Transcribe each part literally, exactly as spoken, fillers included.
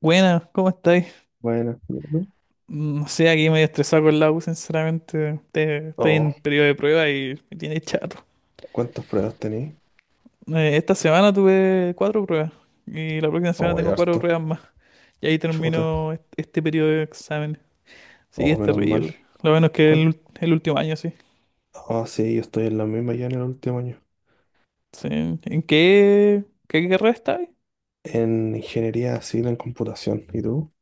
Buenas, ¿cómo estáis? Bueno, Mm, No sé, aquí medio estresado con la U, sinceramente. Te- Estoy en oh, periodo de prueba y me tiene chato. ¿cuántas pruebas tenéis? Eh, esta semana tuve cuatro pruebas y la próxima semana Oh, hay tengo cuatro harto. pruebas más. Y ahí Chuta. termino est- este periodo de exámenes. Sí, Oh, es menos mal. terrible. Lo bueno es que el, ¿Cuán- ul- el último año, sí. Ah, sí, yo estoy en la misma ya en el último año. Sí. ¿En qué, qué carrera estáis? En ingeniería civil en computación. ¿Y tú?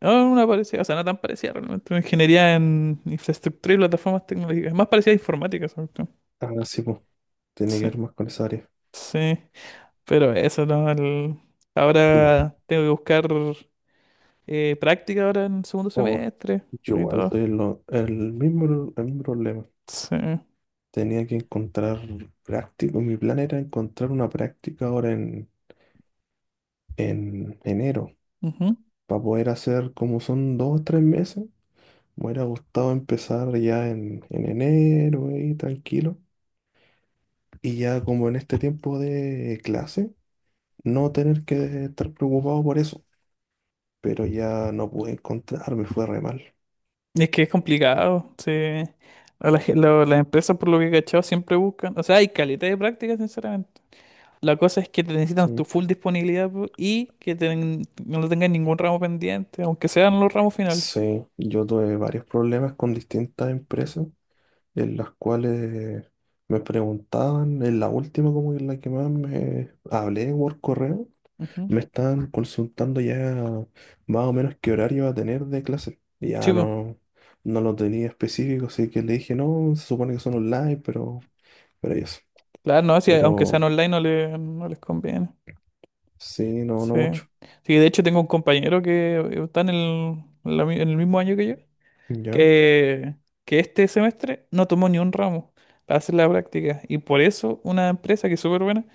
No, no, una parecida, o sea, no tan parecida realmente. Una ingeniería en infraestructura y plataformas tecnológicas. Más parecida a informática, sobre todo. Ah, sí, pues. Tiene que Sí, ver más con esa área. sí. Pero eso, ¿no? El- No. Ahora tengo que buscar eh, práctica ahora en el segundo Oh, semestre yo y igual todo. estoy en lo- el mismo, el mismo problema. Sí. Tenía que encontrar práctico. Mi plan era encontrar una práctica ahora en, en enero. Ujú. Para poder hacer como son dos o tres meses. Me hubiera gustado empezar ya en, en enero, ahí tranquilo. Y ya como en este tiempo de clase, no tener que estar preocupado por eso. Pero ya no pude encontrar, me fue re mal. Y es que es complicado. Sí. A la ge- lo- las empresas, por lo que he cachado, siempre buscan. O sea, hay calidad de práctica, sinceramente. La cosa es que te necesitan tu Sí. full disponibilidad po, y que ten- no tengas ningún ramo pendiente, aunque sean los ramos finales. Sí, yo tuve varios problemas con distintas empresas en las cuales me preguntaban, en la última como en la que más me hablé por correo. Ujú. Me están consultando ya más o menos qué horario va a tener de clase. Y Sí, ya po. no, no lo tenía específico, así que le dije, no, se supone que son online, pero, pero y eso. Claro, no, si, aunque sean Pero online no, le- no les conviene. sí, no, no Sí. mucho. Sí, de hecho tengo un compañero que eh, está en el, en la mi- en el mismo año que yo, Ya, que, que este semestre no tomó ni un ramo para hacer la práctica. Y por eso una empresa que es súper buena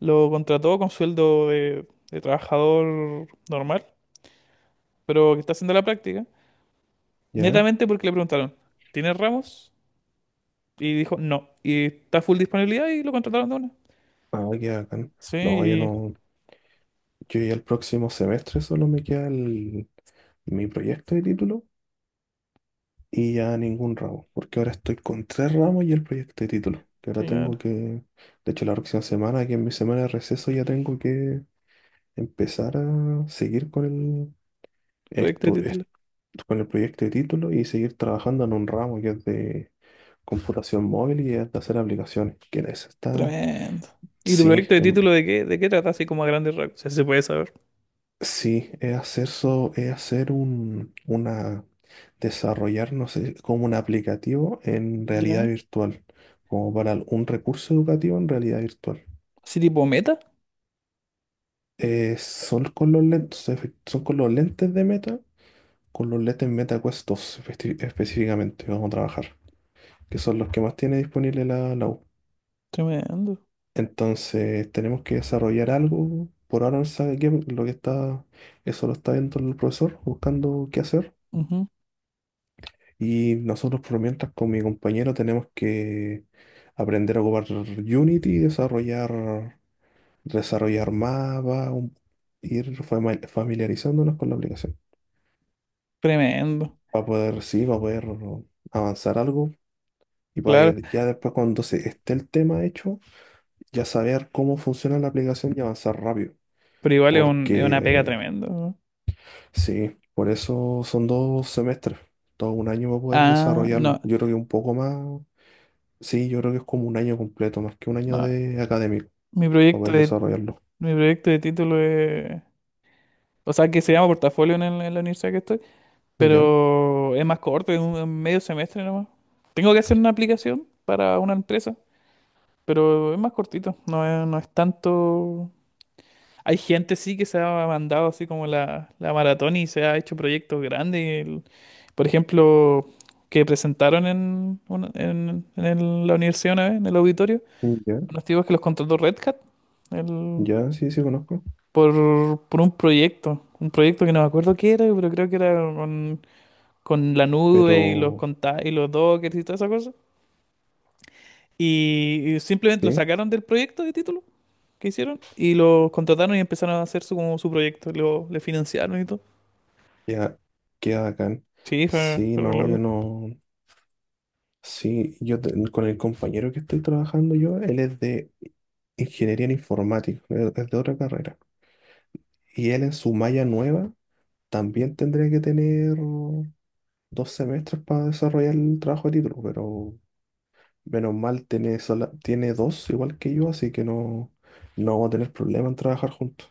lo contrató con sueldo de, de trabajador normal, pero que está haciendo la práctica, ya. netamente porque le preguntaron, ¿tienes ramos? Y dijo, no. Y está full disponibilidad y lo contrataron de una. Ah, qué bacán. No, yo Sí, no, yo ya el próximo semestre solo me queda el- mi proyecto de título y ya ningún ramo, porque ahora estoy con tres ramos y el proyecto de título. Que ahora claro. tengo que, de hecho la próxima semana, que es mi semana de receso, ya tengo que empezar a seguir con el, Proyecto de esto est- título. con el proyecto de título y seguir trabajando en un ramo que es de computación móvil y es de hacer aplicaciones. ¿Que en eso está? Tremendo. ¿Y tu Sí, proyecto de que título de qué, de qué trata así como a grandes rasgos? Si se puede saber. sí, es hacer, so- es hacer un, una, desarrollar, no sé, como un aplicativo en realidad ¿Ya? virtual, como para un recurso educativo en realidad virtual. Así tipo meta. Eh, son con los lentes, efe- son con los lentes de Meta, con los lentes Meta Quest dos espe- específicamente que vamos a trabajar, que son los que más tiene disponible la, la U. Tremendo. Entonces tenemos que desarrollar algo. Por ahora no se sabe qué, porque lo que está, eso lo está viendo el profesor, buscando qué hacer. Ujú. Y nosotros por mientras con mi compañero tenemos que aprender a ocupar Unity, desarrollar, desarrollar mapas, un- ir fami- familiarizándonos con la aplicación. Tremendo. Para poder, sí, para poder avanzar algo. Y para Claro, ya después cuando se esté el tema hecho, ya saber cómo funciona la aplicación y avanzar rápido. pero igual es un, es una pega Porque tremenda, ¿no? sí, por eso son dos semestres, todo un año para poder Ah, no, desarrollarlo. Yo creo que un poco más, sí, yo creo que es como un año completo, más que un año no. de académico Mi para proyecto poder de, desarrollarlo. mi proyecto de título es... O sea, que se llama portafolio en, el- en la universidad que estoy, Ya, pero es más corto, es un es medio semestre nomás. Tengo que hacer una aplicación para una empresa, pero es más cortito, no es, no es tanto. Hay gente sí que se ha mandado así como la, la maratón y se ha hecho proyectos grandes. El- por ejemplo, que presentaron en, una- en, en el- la universidad una vez, en el auditorio, sí, ya, unos tipos que los contrató Red Hat el- ya, sí, sí conozco, por, por un proyecto. Un proyecto que no me acuerdo qué era, pero creo que era con, con la nube y los pero conta- y los dockers y toda esa cosa. Y, y simplemente lo sí, sacaron del proyecto de título que hicieron y los contrataron y empezaron a hacer su, como su proyecto. Lo, le financiaron y todo. ya, queda bacán. Sí, fue, Sí, fue re no, yo loco. no, sí, yo te- con el compañero que estoy trabajando yo, él es de ingeniería en informática, es es de otra carrera. Y él en su malla nueva también tendría que tener dos semestres para desarrollar el trabajo de título, pero menos mal tiene, sola- tiene dos igual que yo, así que no, no vamos a tener problema en trabajar juntos.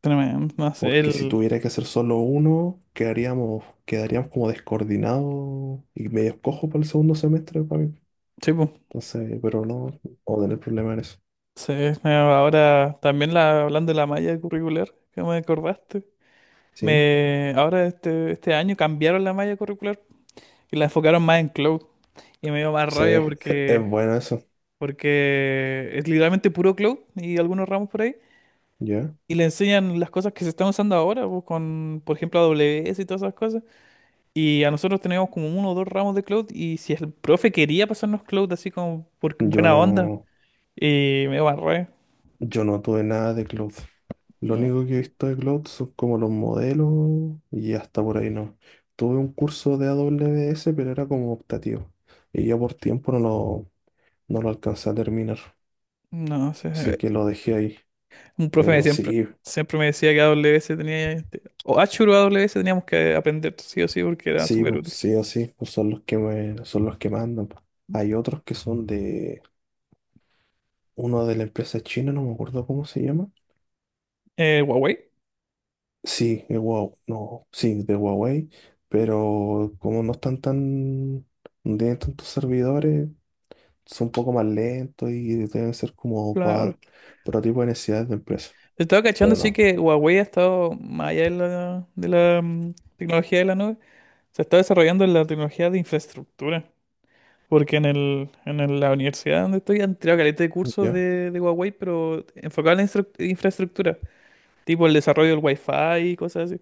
Tremendo. No sé, Porque si el. tuviera que hacer solo uno, quedaríamos, quedaríamos como descoordinados y medio cojo para el segundo semestre para mí. Sí, pues. Entonces, pero no, no vamos a tener problema en eso. Sí, me ahora también la, hablando de la malla curricular, que me acordaste. Sí, Me, ahora este, este año cambiaron la malla curricular y la enfocaron más en cloud. Y me dio más sí, rabia es, es porque, bueno eso. porque es literalmente puro cloud y algunos ramos por ahí. ¿Ya? Y le enseñan las cosas que se están usando ahora, pues, con, por ejemplo, A W S y todas esas cosas. Y a nosotros teníamos como uno o dos ramos de cloud. Y si el profe quería pasarnos cloud así como por Yo buena onda. no. Y me barré. Yo no tuve nada de cloud. Lo No, único que he visto de cloud son como los modelos y hasta por ahí no. Tuve un curso de A W S, pero era como optativo. Y yo por tiempo no lo, no lo alcancé a terminar. no Así sé. que lo dejé ahí. Un profe me Pero siempre, sí, siempre me decía que A W A W S tenía, este, o Azure o A W S teníamos que aprender sí o sí porque era sí, súper po, útil. sí o sí, pues son los que me, son los que mandan, po. Hay otros que son de uno de la empresa china, no me acuerdo cómo se llama. Eh, Huawei, Sí, de Huawei, no, sí, de Huawei, pero como no están tan, no tienen tantos servidores, son un poco más lentos y deben ser como para claro. otro tipo de necesidades de empresa. Estaba Pero cachando, sí no, que Huawei ha estado más allá de la, de la mm, tecnología de la nube. Se está desarrollando en la tecnología de infraestructura. Porque en el, en el- la universidad donde estoy han tirado caleta de cursos ¿ya? de, de Huawei, pero enfocado en la instru- infraestructura. Tipo el desarrollo del Wi-Fi y cosas así.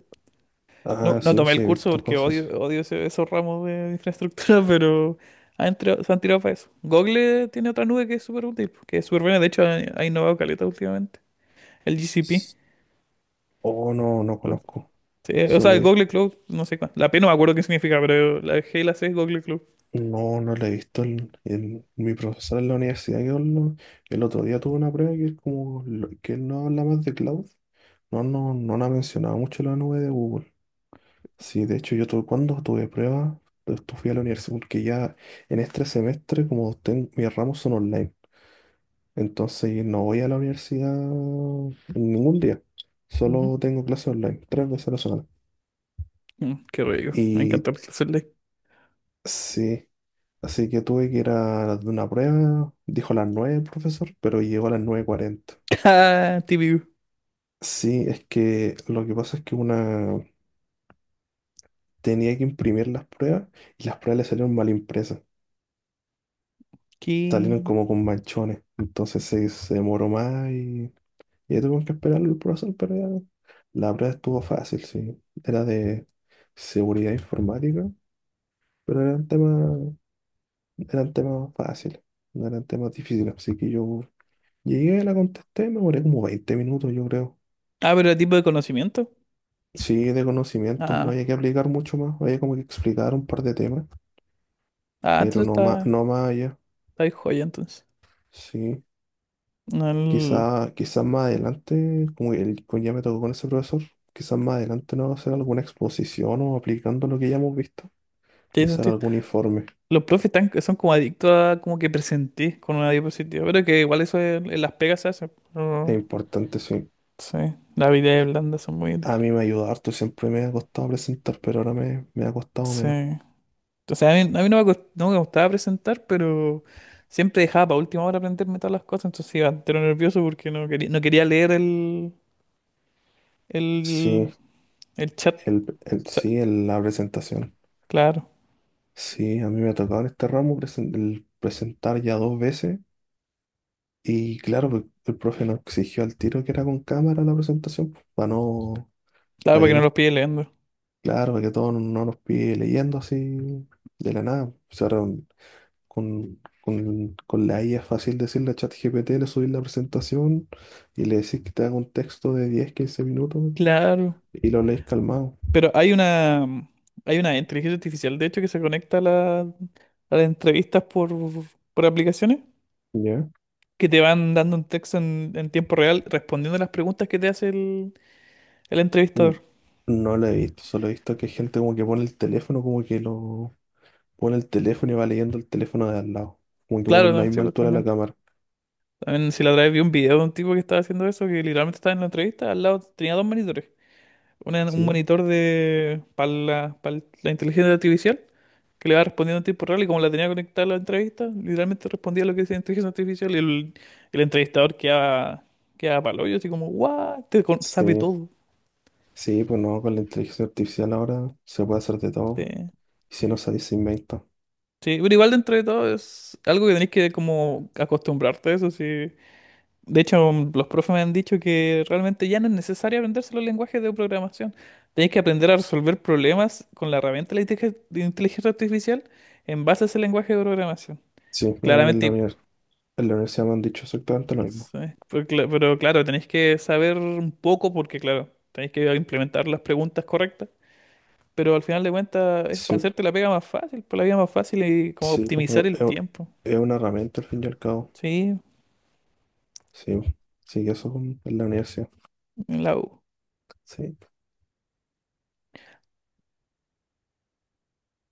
No, Ah, no sí, pues tomé sí, el he curso visto porque odio, cosas. odio ese- esos ramos de infraestructura, pero han entrado- se han tirado para eso. Google tiene otra nube que es súper útil, que es súper buena. De hecho, ha, ha innovado caleta últimamente. El G C P. S- Oh, no, no Lo- conozco. sí, o sea, Solo el he visto, Google Cloud, no sé cuál. La P no me acuerdo qué significa, pero la G y la C es Google Cloud. no, no la he visto. El, el- mi profesor en la universidad, que habló- el otro día tuvo una prueba que es como, lo- que él no habla más de cloud. No, no, no la mencionaba mucho la nube de Google. Sí, de hecho yo tuve, cuando tuve pruebas, pues, fui a la universidad porque ya en este semestre como ten- mis ramos son online, entonces no voy a la universidad ningún día, Ujú. solo tengo clases online, tres veces a la semana. Mm, qué rico. Me Y encantó el clase online. sí, así que tuve que ir a de una prueba, dijo a las nueve el profesor, pero llegó a las nueve cuarenta. Ah, T V U. Sí, es que lo que pasa es que una tenía que imprimir las pruebas y las pruebas le salieron mal impresas. ¿Qué? Salieron como con manchones. Entonces se, se demoró más y, y ya tuvimos que esperar el proceso, pero ya la prueba estuvo fácil, sí. Era de seguridad informática, pero eran temas, eran temas fáciles, no eran temas difíciles. Así que yo llegué, la contesté, me demoré como veinte minutos, yo creo. Ah, pero el tipo de conocimiento. Sí, de conocimientos, no había que Ah, aplicar mucho más, había como que explicar un par de temas, ah pero entonces no más, está, no más allá. está ahí joya entonces. Sí, No, el- Quizá, quizás más adelante, como el, como ya me tocó con ese profesor, quizás más adelante nos va a hacer alguna exposición o aplicando lo que ya hemos visto, ¿tiene quizás sentido? algún informe. Los profes están, son como adictos a como que presentís con una diapositiva, pero que igual eso en, en las pegas se hace. Es Pero importante, sí. sí, las habilidades blandas son muy útiles. A mí me ayuda harto, siempre me ha costado presentar, pero ahora me, me ha costado menos. Sí. O sea, a mí, a mí no me, cost- no me gustaba presentar, pero siempre dejaba para última hora aprenderme todas las cosas, entonces iba entero nervioso porque no quería, no quería leer el, Sí, el, el chat. O el, el, sea, sí, el- la presentación. claro, Sí, a mí me ha tocado en este ramo presen- el presentar ya dos veces y claro, el, el profe nos exigió al tiro que era con cámara la presentación, pues, para no, claro, para para que que no, no los pille leyendo. claro, para que todo no no nos pide leyendo así de la nada. O sea, ahora con, con, con la I A es fácil decirle a ChatGPT, le subís la presentación y le decís que te haga un texto de diez quince minutos Claro. y lo lees calmado. Pero hay una, hay una inteligencia artificial, de hecho, que se conecta a, la- a las entrevistas por, por aplicaciones, ¿Ya? que te van dando un texto en, en tiempo real respondiendo a las preguntas que te hace el, el Mm, entrevistador. No lo he visto, solo he visto que hay gente como que pone el teléfono, como que lo pone el teléfono y va leyendo el teléfono de al lado. Como que pone Claro, la ¿no? Sí, misma pues altura de la también. cámara. También si la otra vez vi un video de un tipo que estaba haciendo eso, que literalmente estaba en la entrevista, al lado tenía dos monitores. Una- un ¿Sí? monitor de para la, para la inteligencia artificial que le va respondiendo en tiempo real y como la tenía conectada a la entrevista, literalmente respondía lo que decía la inteligencia artificial y el, el entrevistador quedaba, quedaba para el hoyo, así como, ¡guau! Te con- sabe Sí, todo. sí, pues no, con la inteligencia artificial ahora se puede hacer de todo. Sí. Y si no sabéis, se inventa. Sí, pero igual dentro de todo es algo que tenés que como acostumbrarte a eso, sí. De hecho, los profes me han dicho que realmente ya no es necesario aprenderse los lenguajes de programación. Tenés que aprender a resolver problemas con la herramienta de la inteligen- de inteligencia artificial en base a ese lenguaje de programación. Sí, a mí en Claramente. la univers- en la universidad me han dicho exactamente lo mismo. Sí, pero, cla- pero claro, tenéis que saber un poco porque, claro, tenéis que implementar las preguntas correctas. Pero al final de cuentas es para Sí, hacerte la pega más fácil, por la vida más fácil y como sí, pues, optimizar bueno, el tiempo. es, es una herramienta al fin y al cabo. Sí, Sí, sí, eso es un- en la universidad. en la U. Sí.